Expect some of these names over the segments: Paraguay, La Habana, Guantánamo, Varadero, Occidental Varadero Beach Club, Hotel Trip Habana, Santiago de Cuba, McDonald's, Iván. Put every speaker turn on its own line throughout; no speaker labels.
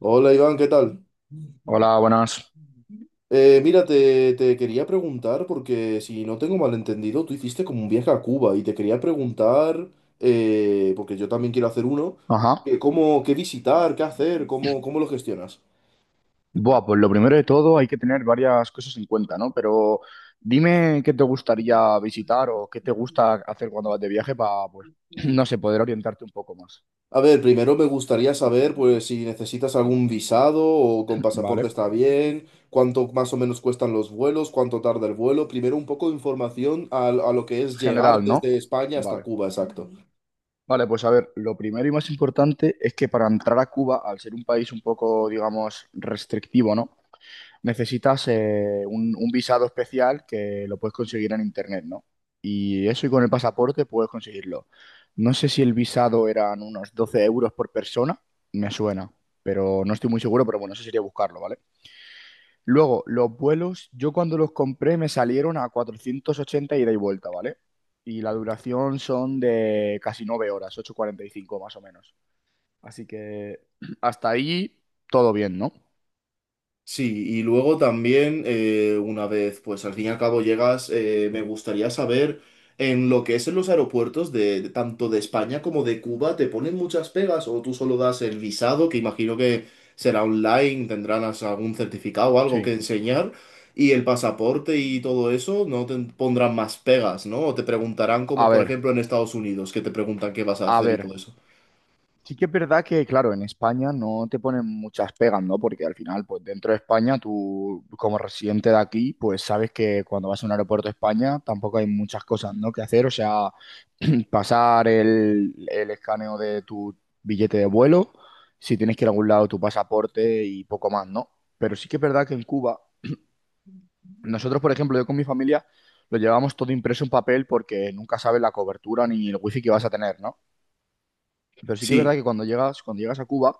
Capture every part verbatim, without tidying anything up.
Hola Iván, ¿qué tal?
Hola, buenas.
Eh, mira, te, te quería preguntar, porque si no tengo malentendido, tú hiciste como un viaje a Cuba y te quería preguntar, eh, porque yo también quiero hacer uno, que
Ajá.
cómo, qué visitar, qué hacer, cómo, cómo lo gestionas.
Buah, pues lo primero de todo hay que tener varias cosas en cuenta, ¿no? Pero dime qué te gustaría visitar o qué te gusta hacer cuando vas de viaje para, pues, no sé, poder orientarte un poco más.
A ver, primero me gustaría saber, pues, si necesitas algún visado o con pasaporte
Vale.
está bien, cuánto más o menos cuestan los vuelos, cuánto tarda el vuelo. Primero un poco de información a, a lo que es
General,
llegar
¿no?
desde España hasta
Vale.
Cuba, exacto.
Vale, pues a ver, lo primero y más importante es que para entrar a Cuba, al ser un país un poco, digamos, restrictivo, ¿no? Necesitas eh, un, un visado especial que lo puedes conseguir en internet, ¿no? Y eso y con el pasaporte puedes conseguirlo. No sé si el visado eran unos doce euros por persona, me suena, pero no estoy muy seguro, pero bueno, eso sería buscarlo, ¿vale? Luego, los vuelos, yo cuando los compré me salieron a cuatrocientos ochenta ida y vuelta, ¿vale? Y la duración son de casi nueve horas, ocho cuarenta y cinco más o menos. Así que hasta ahí todo bien, ¿no?
Sí, y luego también, eh, una vez, pues al fin y al cabo llegas, eh, me gustaría saber en lo que es en los aeropuertos de, de tanto de España como de Cuba, ¿te ponen muchas pegas o tú solo das el visado, que imagino que será online, tendrás algún certificado o algo que
Sí.
enseñar, y el pasaporte y todo eso, no te pondrán más pegas, ¿no? O te preguntarán como
A
por
ver,
ejemplo en Estados Unidos, que te preguntan qué vas a
a
hacer y
ver.
todo eso.
Sí que es verdad que, claro, en España no te ponen muchas pegas, ¿no? Porque al final, pues dentro de España, tú como residente de aquí, pues sabes que cuando vas a un aeropuerto de España tampoco hay muchas cosas, ¿no? que hacer. O sea, pasar el, el escaneo de tu billete de vuelo, si tienes que ir a algún lado, tu pasaporte y poco más, ¿no? Pero sí que es verdad que en Cuba, nosotros, por ejemplo, yo con mi familia, lo llevamos todo impreso en papel porque nunca sabes la cobertura ni el wifi que vas a tener, ¿no? Pero sí que es verdad
Sí.
que cuando llegas, cuando llegas a Cuba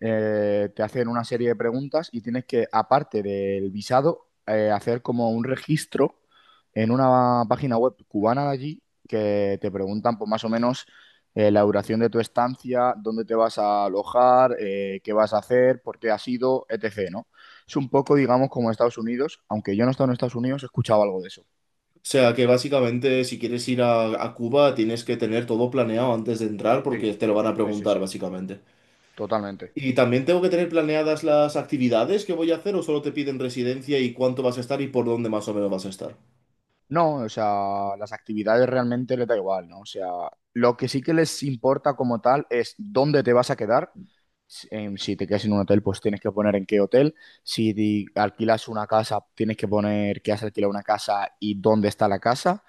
eh, te hacen una serie de preguntas y tienes que, aparte del visado, eh, hacer como un registro en una página web cubana de allí que te preguntan pues, más o menos eh, la duración de tu estancia, dónde te vas a alojar, eh, qué vas a hacer, por qué has ido, etcétera, ¿no? Es un poco, digamos, como Estados Unidos, aunque yo no he estado en Estados Unidos, he escuchado algo de eso,
O sea que básicamente si quieres ir a, a Cuba tienes que tener todo planeado antes de entrar
Sí,
porque te lo van a
sí, sí,
preguntar
sí.
básicamente.
totalmente.
¿Y también tengo que tener planeadas las actividades que voy a hacer o solo te piden residencia y cuánto vas a estar y por dónde más o menos vas a estar?
No, o sea, las actividades realmente les da igual, ¿no? O sea, lo que sí que les importa como tal es dónde te vas a quedar. Si em, si te quedas en un hotel, pues tienes que poner en qué hotel. Si di- alquilas una casa, tienes que poner que has alquilado una casa y dónde está la casa.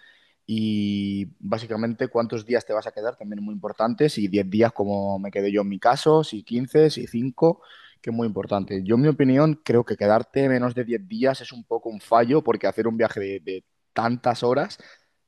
Y básicamente cuántos días te vas a quedar, también es muy importante. Si diez días, como me quedé yo en mi caso, si quince, si cinco, que es muy importante. Yo, en mi opinión, creo que quedarte menos de diez días es un poco un fallo, porque hacer un viaje de, tantas horas,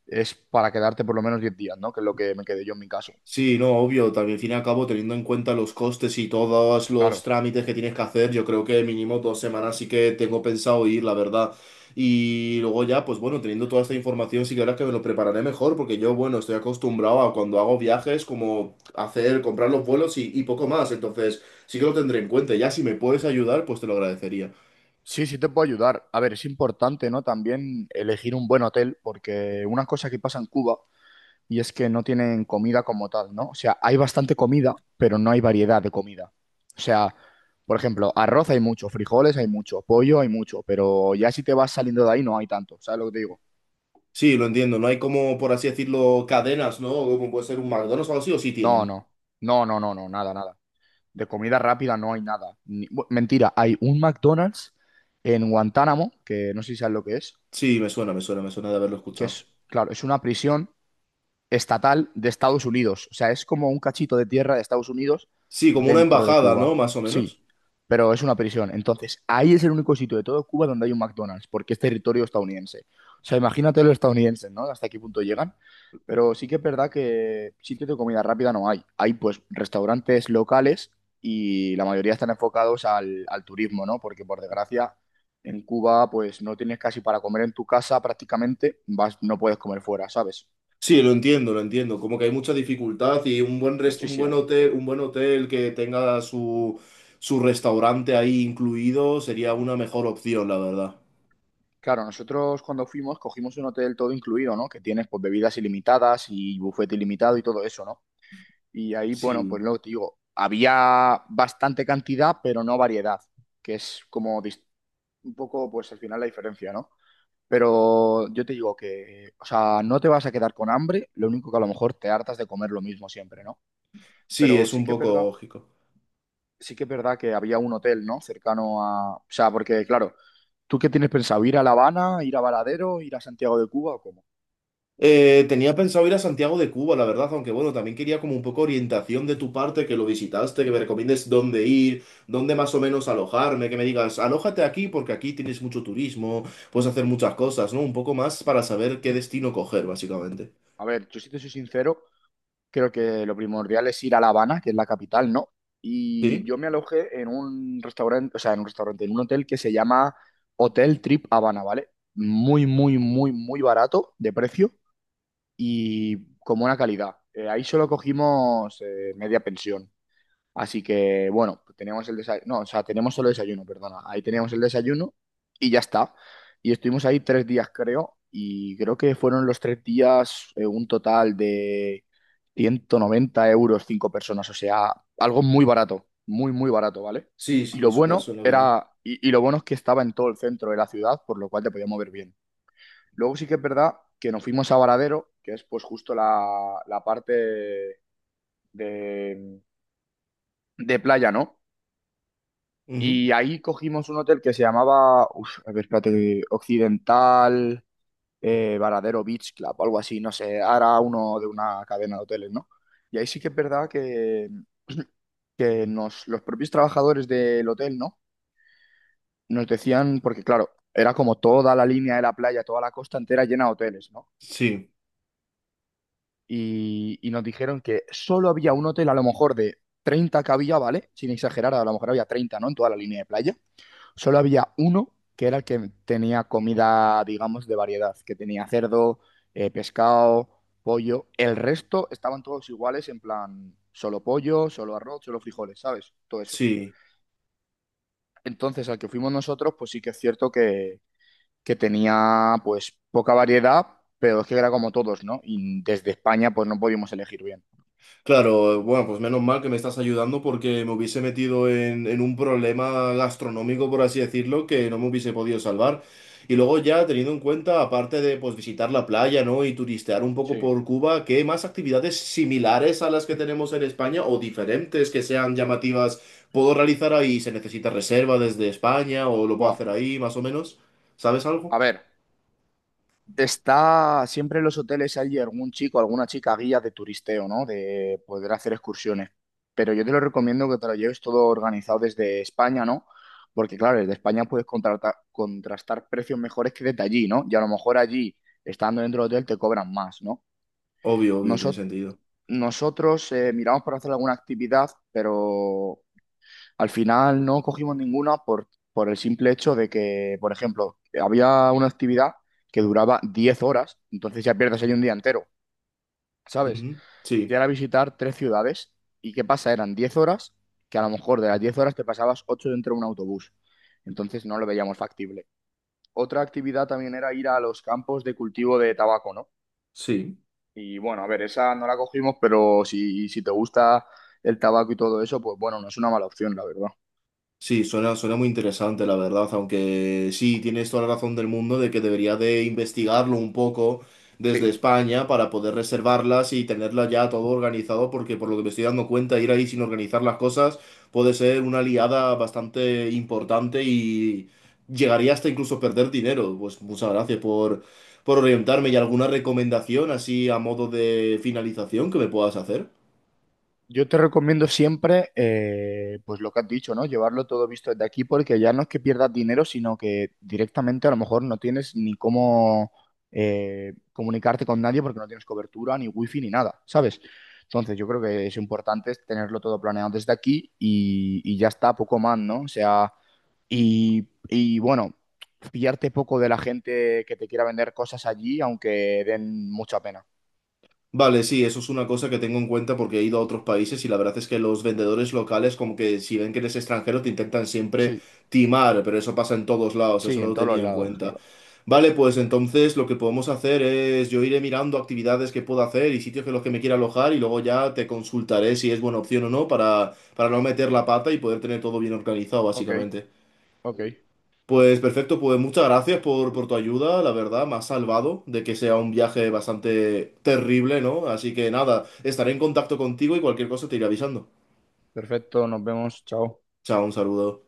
es para quedarte por lo menos diez días, ¿no? Que es lo que me quedé yo en mi caso.
Sí, no, obvio, también al fin y al cabo, teniendo en cuenta los costes y todos los
Claro.
trámites que tienes que hacer, yo creo que mínimo dos semanas sí que tengo pensado ir, la verdad. Y luego ya, pues bueno, teniendo toda esta información, sí que ahora que me lo prepararé mejor, porque yo, bueno, estoy acostumbrado a cuando hago viajes, como hacer, comprar los vuelos y, y poco más. Entonces, sí que lo tendré en cuenta. Ya si me puedes ayudar, pues te lo agradecería.
Sí, sí te puedo ayudar. A ver, es importante, ¿no? También elegir un buen hotel, porque una cosa que pasa en Cuba y es que no tienen comida como tal, ¿no? O sea, hay bastante comida, pero no hay variedad de comida. O sea, por ejemplo, arroz hay mucho, frijoles hay mucho, pollo hay mucho, pero ya si te vas saliendo de ahí no hay tanto, ¿sabes lo que te digo?
Sí, lo entiendo, no hay como, por así decirlo, cadenas, ¿no? Como puede ser un McDonald's o algo así, o sí
No,
tienen.
no, no, no, no, no, nada, nada. de comida rápida no hay nada. Ni- bu- mentira, hay un McDonald's en Guantánamo, que no sé si sabes lo que es,
Sí, me suena, me suena, me suena de haberlo
que
escuchado.
es, claro, es una prisión estatal de Estados Unidos. O sea, es como un cachito de tierra de Estados Unidos
Sí, como una
dentro de
embajada, ¿no?
Cuba.
Más o
Sí,
menos.
pero es una prisión. Entonces, ahí es el único sitio de todo Cuba donde hay un McDonald's, porque es territorio estadounidense. O sea, imagínate los estadounidenses, ¿no? Hasta qué punto llegan. Pero sí que es verdad que sitios de comida rápida no hay. Hay pues restaurantes locales y la mayoría están enfocados al, al turismo, ¿no? Porque por desgracia en Cuba pues no tienes casi para comer en tu casa prácticamente, vas, no puedes comer fuera, ¿sabes?
Sí, lo entiendo, lo entiendo. Como que hay mucha dificultad y un buen res- un buen
Muchísimo.
hotel, un buen hotel que tenga su, su restaurante ahí incluido sería una mejor opción, la verdad.
Claro, nosotros cuando fuimos cogimos un hotel todo incluido, ¿no? Que tienes pues bebidas ilimitadas y bufete ilimitado y todo eso, ¿no? Y ahí, bueno, pues
Sí,
lo que te digo, había bastante cantidad, pero no variedad, que es como dis- un poco, pues al final la diferencia, ¿no? Pero yo te digo que, o sea, no te vas a quedar con hambre, lo único que a lo mejor te hartas de comer lo mismo siempre, ¿no?
sí,
Pero
es
sí
un
que es
poco
verdad,
lógico.
sí que es verdad que había un hotel, ¿no? Cercano a, o sea, porque claro, ¿tú qué tienes pensado? ¿Ir a La Habana, ir a Varadero, ir a Santiago de Cuba o cómo?
Eh, tenía pensado ir a Santiago de Cuba, la verdad, aunque bueno, también quería como un poco orientación de tu parte, que lo visitaste, que me recomiendes dónde ir, dónde más o menos alojarme, que me digas, alójate aquí porque aquí tienes mucho turismo, puedes hacer muchas cosas, ¿no? Un poco más para saber qué destino coger, básicamente.
A ver, yo si te soy sincero, creo que lo primordial es ir a La Habana, que es la capital, ¿no? Y
¿Sí?
yo me alojé en un restaurante, o sea, en un restaurante, en un hotel que se llama Hotel Trip Habana, ¿vale? Muy, muy, muy, muy barato de precio y con buena calidad. Eh, ahí solo cogimos eh, media pensión. Así que, bueno, teníamos el desayuno, no, o sea, tenemos solo desayuno, perdona. Ahí teníamos el desayuno y ya está. Y estuvimos ahí tres días, creo, y creo que fueron los tres días eh, un total de ciento noventa euros cinco personas, o sea, algo muy barato, muy, muy barato, ¿vale?
Sí,
Y
sí,
lo
suena,
bueno
suena bien.
era, y, y lo bueno es que estaba en todo el centro de la ciudad, por lo cual te podías mover bien. Luego sí que es verdad que nos fuimos a Varadero, que es pues justo la, la parte de, de playa, ¿no?
Ujú.
Y ahí cogimos un hotel que se llamaba, uf, a ver, espérate, Occidental, eh, Varadero Beach Club, o algo así, no sé, era uno de una cadena de hoteles, ¿no? Y ahí sí que es verdad que, que nos, los propios trabajadores del hotel, ¿no? Nos decían, porque claro, era como toda la línea de la playa, toda la costa entera llena de hoteles, ¿no?
Sí,
Y, y nos dijeron que solo había un hotel, a lo mejor de treinta que había, ¿vale? Sin exagerar, a lo mejor había treinta ¿no? En toda la línea de playa. Solo había uno que era el que tenía comida, digamos, de variedad, que tenía cerdo, eh, pescado, pollo. El resto estaban todos iguales, en plan, solo pollo, solo arroz, solo frijoles, ¿sabes? Todo eso.
sí.
Entonces, al que fuimos nosotros, pues sí que es cierto que, que, tenía, pues, poca variedad, pero es que era como todos, ¿no? Y desde España, pues no podíamos elegir bien.
Claro, bueno, pues menos mal que me estás ayudando porque me hubiese metido en, en un problema gastronómico, por así decirlo, que no me hubiese podido salvar. Y luego ya teniendo en cuenta, aparte de pues visitar la playa, ¿no? Y turistear un poco
Sí.
por Cuba, ¿qué más actividades similares a las que tenemos en España o diferentes que sean llamativas puedo realizar ahí? ¿Se necesita reserva desde España o lo puedo
Buah.
hacer ahí, más o menos? ¿Sabes algo?
A ver. Está siempre en los hoteles hay algún chico, alguna chica guía de turisteo, ¿no? De poder hacer excursiones. Pero yo te lo recomiendo que te lo lleves todo organizado desde España, ¿no? Porque claro, desde España puedes contratar, contrastar precios mejores que desde allí, ¿no? Y a lo mejor allí, estando dentro del hotel, te cobran más, ¿no?
Obvio, obvio, tiene
Noso-
sentido.
Nosotros eh, miramos por hacer alguna actividad, pero al final no cogimos ninguna por, por el simple hecho de que, por ejemplo, había una actividad que duraba diez horas, entonces ya pierdes ahí un día entero, ¿sabes?
Ujú,
Y
sí,
era visitar tres ciudades y ¿qué pasa? Eran diez horas, que a lo mejor de las diez horas te pasabas ocho dentro de un autobús, entonces no lo veíamos factible. Otra actividad también era ir a los campos de cultivo de tabaco, ¿no?
sí.
Y bueno, a ver, esa no la cogimos, pero si, si te gusta el tabaco y todo eso, pues bueno, no es una mala opción, la verdad.
Sí, suena, suena muy interesante, la verdad, aunque sí, tienes toda la razón del mundo de que debería de investigarlo un poco desde
Sí.
España para poder reservarlas y tenerla ya todo organizado, porque por lo que me estoy dando cuenta, ir ahí sin organizar las cosas puede ser una liada bastante importante y llegaría hasta incluso perder dinero. Pues muchas gracias por, por orientarme y alguna recomendación así a modo de finalización que me puedas hacer.
Yo te recomiendo siempre, eh, pues lo que has dicho, ¿no? Llevarlo todo visto desde aquí porque ya no es que pierdas dinero, sino que directamente a lo mejor no tienes ni cómo eh, comunicarte con nadie porque no tienes cobertura, ni wifi, ni nada, ¿sabes? Entonces yo creo que es importante tenerlo todo planeado desde aquí y, y ya está, poco más, ¿no? O sea, y, y bueno, pillarte poco de la gente que te quiera vender cosas allí, aunque den mucha pena.
Vale, sí, eso es una cosa que tengo en cuenta porque he ido a otros países y la verdad es que los vendedores locales como que si ven que eres extranjero te intentan siempre
Sí,
timar, pero eso pasa en todos lados, eso
sí, en
lo
todos los
tenía en
lados,
cuenta.
claro.
Vale, pues entonces lo que podemos hacer es yo iré mirando actividades que puedo hacer y sitios en los que me quiera alojar y luego ya te consultaré si es buena opción o no para, para no meter la pata y poder tener todo bien organizado,
Ok,
básicamente.
ok.
Pues perfecto, pues muchas gracias por, por tu ayuda, la verdad, me has salvado de que sea un viaje bastante terrible, ¿no? Así que nada, estaré en contacto contigo y cualquier cosa te iré avisando.
Perfecto, nos vemos, chao.
Chao, un saludo.